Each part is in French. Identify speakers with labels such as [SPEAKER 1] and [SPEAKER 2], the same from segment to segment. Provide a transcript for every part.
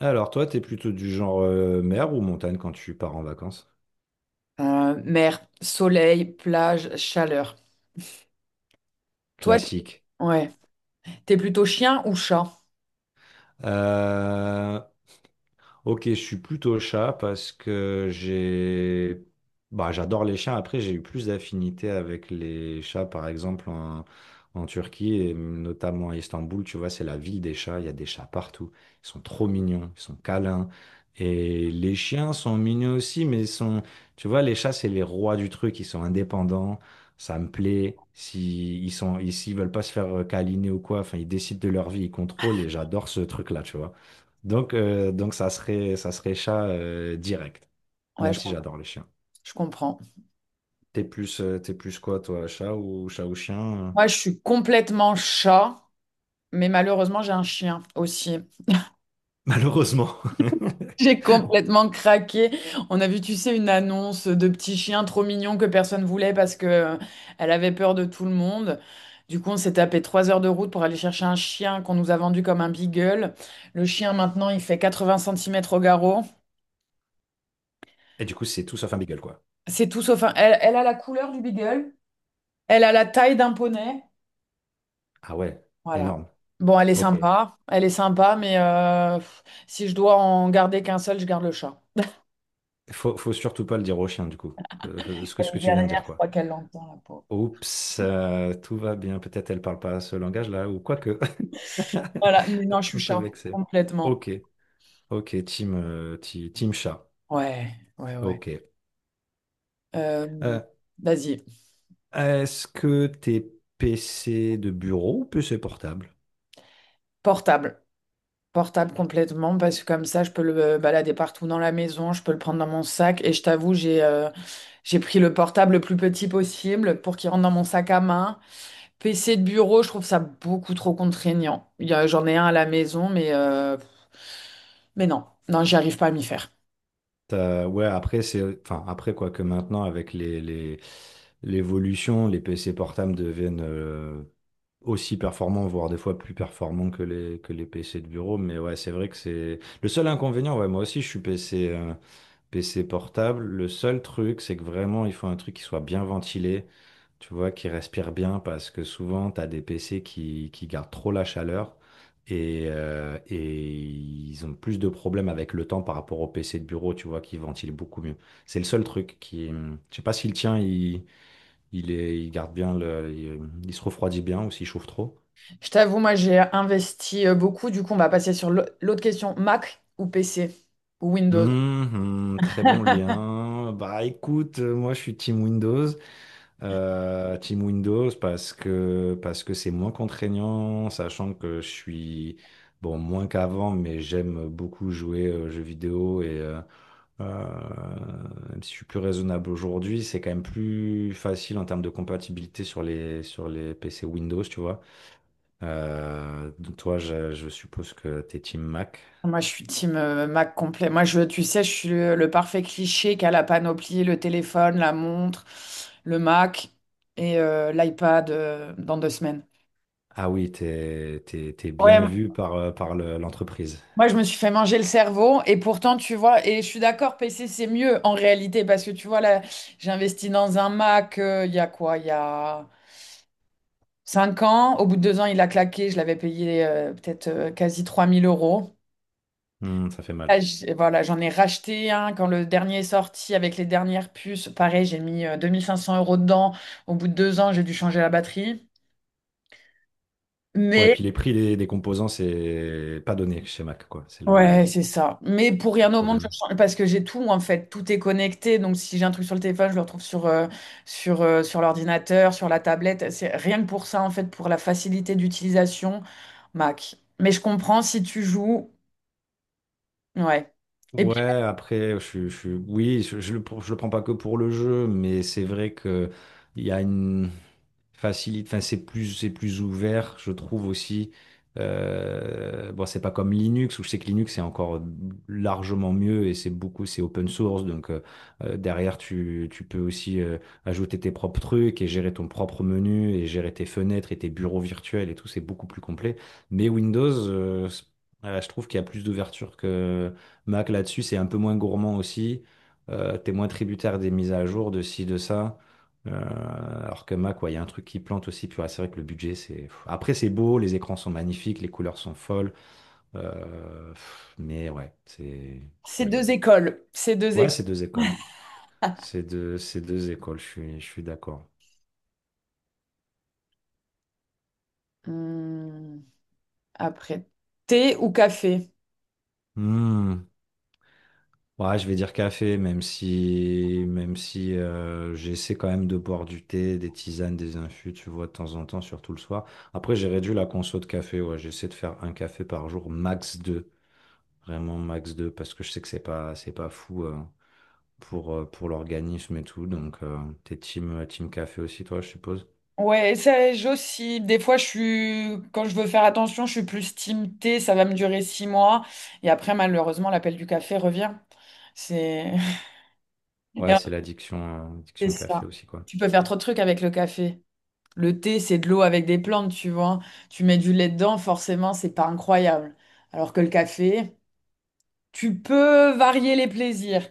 [SPEAKER 1] Alors, toi, t'es plutôt du genre mer ou montagne quand tu pars en vacances?
[SPEAKER 2] Mer, soleil, plage, chaleur. Toi,
[SPEAKER 1] Classique.
[SPEAKER 2] ouais, t'es plutôt chien ou chat?
[SPEAKER 1] Euh, Ok, je suis plutôt chat parce que bah, j'adore les chiens. Après, j'ai eu plus d'affinité avec les chats, par exemple en Turquie et notamment à Istanbul. Tu vois, c'est la ville des chats. Il y a des chats partout. Ils sont trop mignons, ils sont câlins. Et les chiens sont mignons aussi, mais ils sont, tu vois, les chats, c'est les rois du truc. Ils sont indépendants. Ça me plaît. Si ils sont, ils- s'ils veulent pas se faire câliner ou quoi, enfin, ils décident de leur vie, ils contrôlent. Et j'adore ce truc-là, tu vois. Donc ça serait chat direct,
[SPEAKER 2] Ouais,
[SPEAKER 1] même
[SPEAKER 2] je,
[SPEAKER 1] si
[SPEAKER 2] com-
[SPEAKER 1] j'adore les chiens.
[SPEAKER 2] je comprends.
[SPEAKER 1] T'es plus quoi, toi, chat ou chien? euh
[SPEAKER 2] Moi, je suis complètement chat, mais malheureusement, j'ai un chien aussi.
[SPEAKER 1] Malheureusement.
[SPEAKER 2] J'ai complètement craqué. On a vu, tu sais, une annonce de petit chien trop mignon que personne voulait parce que elle avait peur de tout le monde. Du coup, on s'est tapé 3 heures de route pour aller chercher un chien qu'on nous a vendu comme un beagle. Le chien, maintenant, il fait 80 centimètres au garrot.
[SPEAKER 1] Et du coup, c'est tout sauf un beagle, quoi.
[SPEAKER 2] C'est tout sauf un... elle a la couleur du beagle, elle a la taille d'un poney.
[SPEAKER 1] Ah ouais,
[SPEAKER 2] Voilà.
[SPEAKER 1] énorme.
[SPEAKER 2] Bon, elle est
[SPEAKER 1] Ok.
[SPEAKER 2] sympa. Elle est sympa, mais pff, si je dois en garder qu'un seul, je garde le chat.
[SPEAKER 1] Faut surtout pas le dire au chien, du coup. que- euh, Ce que,
[SPEAKER 2] Elle
[SPEAKER 1] ce
[SPEAKER 2] est
[SPEAKER 1] que tu viens de
[SPEAKER 2] derrière,
[SPEAKER 1] dire,
[SPEAKER 2] je
[SPEAKER 1] quoi.
[SPEAKER 2] crois qu'elle l'entend, la pauvre.
[SPEAKER 1] Oups, tout va bien. Peut-être elle parle pas ce langage-là, ou quoi que.
[SPEAKER 2] Voilà, mais non, je suis
[SPEAKER 1] Un peu
[SPEAKER 2] chat,
[SPEAKER 1] vexé.
[SPEAKER 2] complètement.
[SPEAKER 1] Ok, ok, team chat.
[SPEAKER 2] Ouais, ouais, ouais.
[SPEAKER 1] Ok.
[SPEAKER 2] Euh,
[SPEAKER 1] Euh,
[SPEAKER 2] Vas-y,
[SPEAKER 1] Est-ce que t'es PC de bureau ou PC portable?
[SPEAKER 2] portable. Portable complètement, parce que comme ça, je peux le balader partout dans la maison, je peux le prendre dans mon sac. Et je t'avoue, j'ai pris le portable le plus petit possible pour qu'il rentre dans mon sac à main. PC de bureau, je trouve ça beaucoup trop contraignant. Il y a- J'en ai un à la maison, mais non, non, j'y arrive pas à m'y faire.
[SPEAKER 1] Ouais, après, c'est... Enfin, après, quoi que maintenant, avec les, l'évolution, les PC portables deviennent aussi performants, voire des fois plus performants que les, PC de bureau. Mais ouais, c'est vrai que c'est... Le seul inconvénient, ouais, moi aussi, je suis PC, PC portable, le seul truc, c'est que vraiment, il faut un truc qui soit bien ventilé, tu vois, qui respire bien, parce que souvent, tu as des PC qui gardent trop la chaleur et ils ont plus de problèmes avec le temps par rapport aux PC de bureau, tu vois, qui ventilent beaucoup mieux. C'est le seul truc qui... Je sais pas si le tien, il, est, il garde bien, il se refroidit bien ou s'il chauffe trop.
[SPEAKER 2] Je t'avoue, moi, j'ai investi beaucoup. Du coup, on va passer sur l'autre question. Mac ou PC ou Windows?
[SPEAKER 1] Très bon lien. Bah écoute, moi je suis Team Windows. Team Windows parce que c'est moins contraignant, sachant que je suis bon moins qu'avant, mais j'aime beaucoup jouer aux jeux vidéo et euh, même si je suis plus raisonnable aujourd'hui, c'est quand même plus facile en termes de compatibilité sur les PC Windows, tu vois. Donc toi, je suppose que t'es Team Mac.
[SPEAKER 2] Moi, je suis team Mac complet. Moi, je, tu sais, je suis le parfait cliché qui a la panoplie, le téléphone, la montre, le Mac et l'iPad dans 2 semaines.
[SPEAKER 1] Ah oui, t'es
[SPEAKER 2] Ouais,
[SPEAKER 1] bien vu par l'entreprise.
[SPEAKER 2] moi, je me suis fait manger le cerveau et pourtant, tu vois, et je suis d'accord, PC, c'est mieux en réalité parce que tu vois, là, j'ai investi dans un Mac il y a quoi? Il y a 5 ans. Au bout de 2 ans, il a claqué. Je l'avais payé peut-être quasi 3000 euros.
[SPEAKER 1] Hmm, ça fait mal.
[SPEAKER 2] Là, j'- voilà, j'en ai racheté un quand le dernier est sorti avec les dernières puces. Pareil, j'ai mis 2 500 € dedans. Au bout de 2 ans, j'ai dû changer la batterie.
[SPEAKER 1] Ouais,
[SPEAKER 2] Mais
[SPEAKER 1] puis les prix des, composants, c'est pas donné chez Mac, quoi. C'est le,
[SPEAKER 2] ouais, c'est ça. Mais pour
[SPEAKER 1] le
[SPEAKER 2] rien au monde,
[SPEAKER 1] problème.
[SPEAKER 2] parce que j'ai tout en fait, tout est connecté. Donc si j'ai un truc sur le téléphone, je le retrouve sur l'ordinateur, sur la tablette. C'est rien que pour ça en fait, pour la facilité d'utilisation, Mac. Mais je comprends si tu joues, ouais. Et
[SPEAKER 1] Ouais,
[SPEAKER 2] puis
[SPEAKER 1] après, oui, je le prends pas que pour le jeu, mais c'est vrai que il y a une. Facilite, enfin c'est plus ouvert, je trouve aussi. Bon, c'est pas comme Linux où je sais que Linux c'est encore largement mieux et c'est beaucoup c'est open source donc derrière tu peux aussi ajouter tes propres trucs et gérer ton propre menu et gérer tes fenêtres et tes bureaux virtuels et tout c'est beaucoup plus complet. Mais Windows je trouve qu'il y a plus d'ouverture que Mac là-dessus c'est un peu moins gourmand aussi. T'es moins tributaire des mises à jour de ci de ça. Alors que Mac, ouais, il y a un truc qui plante aussi. Puis ouais, c'est vrai que le budget, c'est. Pff. Après, c'est beau, les écrans sont magnifiques, les couleurs sont folles. Pff, mais ouais, c'est. je-
[SPEAKER 2] ces deux écoles, ces deux
[SPEAKER 1] Ouais,
[SPEAKER 2] écoles.
[SPEAKER 1] c'est deux écoles. C'est deux écoles, je suis d'accord.
[SPEAKER 2] Hum, après, thé ou café?
[SPEAKER 1] Hmm. Ouais, je vais dire café, même si j'essaie quand même de boire du thé, des tisanes, des infus, tu vois, de temps en temps, surtout le soir. Après, j'ai réduit la conso de café. Ouais, j'essaie de faire un café par jour, max deux. Vraiment max 2 parce que je sais que c'est pas, fou pour l'organisme et tout. Donc, t'es team, team café aussi, toi, je suppose.
[SPEAKER 2] Ouais, ça, j'oscille. Des fois, quand je veux faire attention, je suis plus team thé, ça va me durer 6 mois. Et après, malheureusement, l'appel du café revient. C'est et
[SPEAKER 1] Ouais,
[SPEAKER 2] en
[SPEAKER 1] c'est l'addiction
[SPEAKER 2] fait,
[SPEAKER 1] addiction
[SPEAKER 2] c'est
[SPEAKER 1] café
[SPEAKER 2] ça.
[SPEAKER 1] aussi, quoi.
[SPEAKER 2] Tu peux faire trop de trucs avec le café. Le thé, c'est de l'eau avec des plantes, tu vois. Tu mets du lait dedans, forcément, c'est pas incroyable. Alors que le café, tu peux varier les plaisirs.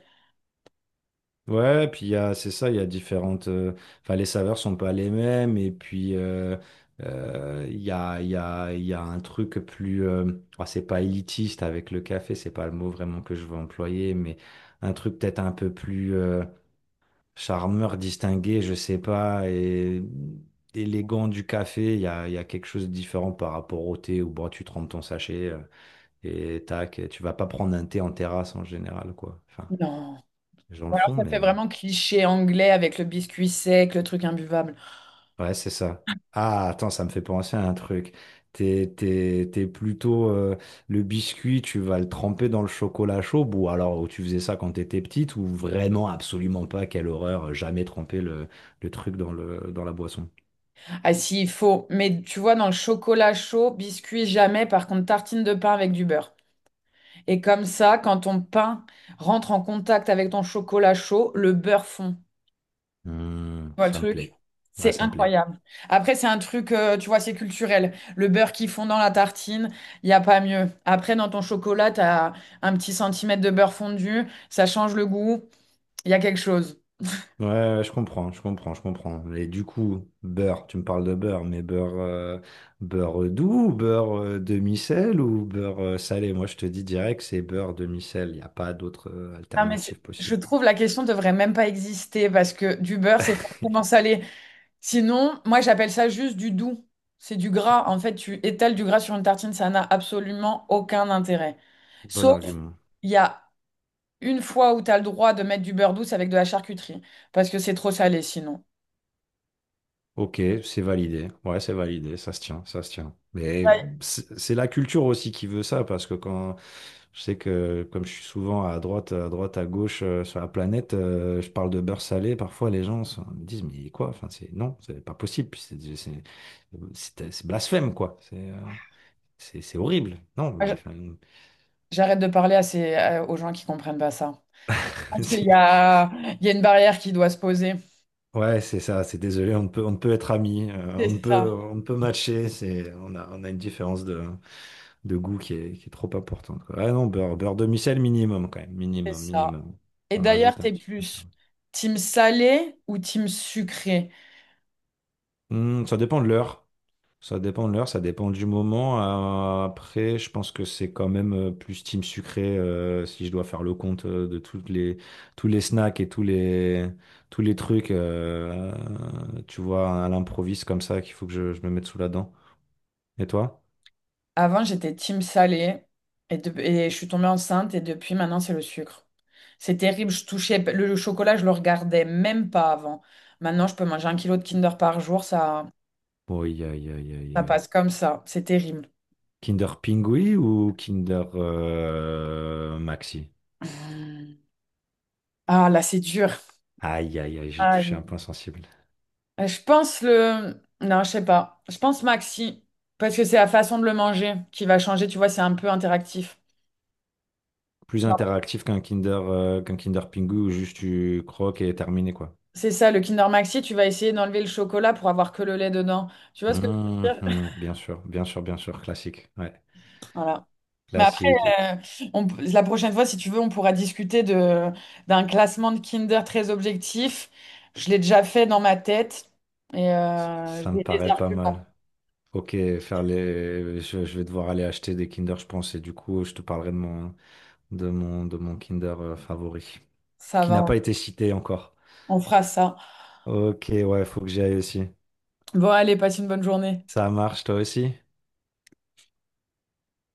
[SPEAKER 1] Ouais, et puis il y a, c'est ça, il y a différentes. Enfin, les saveurs sont pas les mêmes. Et puis, il y a, il y a, il y a un truc plus. Oh, c'est pas élitiste avec le café, c'est pas le mot vraiment que je veux employer, mais un truc peut-être un peu plus. Charmeur distingué, je sais pas, et élégant du café, il y a quelque chose de différent par rapport au thé où bon, tu trempes ton sachet et tac, et tu vas pas prendre un thé en terrasse en général, quoi. Enfin,
[SPEAKER 2] Non.
[SPEAKER 1] les gens le
[SPEAKER 2] Ou alors,
[SPEAKER 1] font,
[SPEAKER 2] ça
[SPEAKER 1] mais
[SPEAKER 2] fait vraiment cliché anglais avec le biscuit sec, le truc imbuvable.
[SPEAKER 1] ouais, c'est ça. Ah, attends, ça me fait penser à un truc. T'es plutôt le biscuit, tu vas le tremper dans le chocolat chaud, ou alors ou tu faisais ça quand t'étais petite, ou vraiment absolument pas, quelle horreur, jamais tremper le truc dans le, dans la boisson.
[SPEAKER 2] Ah si, il faut. Mais tu vois, dans le chocolat chaud, biscuit jamais, par contre, tartine de pain avec du beurre. Et comme ça, quand ton pain rentre en contact avec ton chocolat chaud, le beurre fond. Tu
[SPEAKER 1] Hmm,
[SPEAKER 2] vois le
[SPEAKER 1] ça me
[SPEAKER 2] truc?
[SPEAKER 1] plaît. Ouais,
[SPEAKER 2] C'est
[SPEAKER 1] ça me plaît.
[SPEAKER 2] incroyable. Après, c'est un truc, tu vois, c'est culturel. Le beurre qui fond dans la tartine, il n'y a pas mieux. Après, dans ton chocolat, tu as un petit centimètre de beurre fondu, ça change le goût, il y a quelque chose.
[SPEAKER 1] Ouais, ouais, je comprends, je comprends, je comprends. Et du coup, beurre, tu me parles de beurre, mais beurre, beurre doux, ou beurre demi-sel ou beurre salé? Moi, je te dis direct, c'est beurre demi-sel. Il n'y a pas d'autre
[SPEAKER 2] Non, mais
[SPEAKER 1] alternative
[SPEAKER 2] je
[SPEAKER 1] possible.
[SPEAKER 2] trouve la question devrait même pas exister parce que du beurre, c'est forcément salé. Sinon, moi j'appelle ça juste du doux. C'est du gras. En fait, tu étales du gras sur une tartine, ça n'a absolument aucun intérêt.
[SPEAKER 1] Bon
[SPEAKER 2] Sauf,
[SPEAKER 1] argument.
[SPEAKER 2] il y a une fois où tu as le droit de mettre du beurre douce avec de la charcuterie, parce que c'est trop salé sinon.
[SPEAKER 1] Ok, c'est validé. Ouais, c'est validé, ça se tient, ça se tient. Mais
[SPEAKER 2] Ouais.
[SPEAKER 1] c'est la culture aussi qui veut ça, parce que quand je sais que comme je suis souvent à droite, à droite, à gauche sur la planète, je parle de beurre salé, parfois les gens me disent mais quoi? Enfin, c'est non, c'est pas possible, puis c'est blasphème quoi. C'est horrible. Non, mais,
[SPEAKER 2] Moi,
[SPEAKER 1] enfin,
[SPEAKER 2] j'arrête de parler à aux gens qui comprennent pas ça. Je pense
[SPEAKER 1] c'est-
[SPEAKER 2] il y a une barrière qui doit se poser.
[SPEAKER 1] ouais, c'est ça. C'est désolé, on ne peut être amis, on
[SPEAKER 2] C'est
[SPEAKER 1] ne peut
[SPEAKER 2] ça,
[SPEAKER 1] on ne peut matcher. C'est on a une différence de goût qui est trop importante, quoi. Ah non, beurre, beurre demi-sel minimum quand même,
[SPEAKER 2] c'est
[SPEAKER 1] minimum,
[SPEAKER 2] ça.
[SPEAKER 1] minimum.
[SPEAKER 2] Et
[SPEAKER 1] Ça
[SPEAKER 2] d'ailleurs,
[SPEAKER 1] rajoute un
[SPEAKER 2] t'es
[SPEAKER 1] petit peu.
[SPEAKER 2] plus team salé ou team sucré?
[SPEAKER 1] Hmm, ça dépend de l'heure. Ça dépend de l'heure, ça dépend du moment. Après, je pense que c'est quand même plus team sucré si je dois faire le compte de toutes les, tous les, snacks et tous les trucs, tu vois, à l'improviste comme ça qu'il faut que je me mette sous la dent. Et toi?
[SPEAKER 2] Avant, j'étais team salé et je suis tombée enceinte et depuis maintenant, c'est le sucre. C'est terrible, je touchais le chocolat, je le regardais même pas avant. Maintenant, je peux manger 1 kilo de Kinder par jour,
[SPEAKER 1] Oui, aïe, aïe, aïe,
[SPEAKER 2] ça
[SPEAKER 1] aïe.
[SPEAKER 2] passe comme ça. C'est terrible.
[SPEAKER 1] Kinder Pingui ou Kinder Maxi?
[SPEAKER 2] Mmh. Ah là, c'est dur.
[SPEAKER 1] Aïe, aïe, aïe, j'ai touché un
[SPEAKER 2] Aïe.
[SPEAKER 1] point sensible.
[SPEAKER 2] Je pense le... Non, je sais pas. Je pense Maxi parce que c'est la façon de le manger qui va changer, tu vois, c'est un peu interactif.
[SPEAKER 1] Plus
[SPEAKER 2] Genre,
[SPEAKER 1] interactif qu'un Kinder, qu'un Kinder Pingu où juste tu croques et terminé, quoi.
[SPEAKER 2] c'est ça, le Kinder Maxi, tu vas essayer d'enlever le chocolat pour avoir que le lait dedans. Tu vois ce que je veux dire?
[SPEAKER 1] Bien sûr, bien sûr, bien sûr, classique. Ouais,
[SPEAKER 2] Voilà. Mais après,
[SPEAKER 1] classique. Et
[SPEAKER 2] euh, on la prochaine fois, si tu veux, on pourra discuter d'un classement de Kinder très objectif. Je l'ai déjà fait dans ma tête et
[SPEAKER 1] ça me
[SPEAKER 2] j'ai des
[SPEAKER 1] paraît pas
[SPEAKER 2] arguments.
[SPEAKER 1] mal. Ok, faire les... je vais devoir aller acheter des Kinder, je pense, et du coup, je te parlerai de mon, de mon Kinder favori,
[SPEAKER 2] Ça
[SPEAKER 1] qui n'a
[SPEAKER 2] va,
[SPEAKER 1] pas été cité encore.
[SPEAKER 2] on fera ça.
[SPEAKER 1] Ok, ouais, faut que j'y aille aussi.
[SPEAKER 2] Bon, allez, passe une bonne journée.
[SPEAKER 1] Ça marche, toi aussi?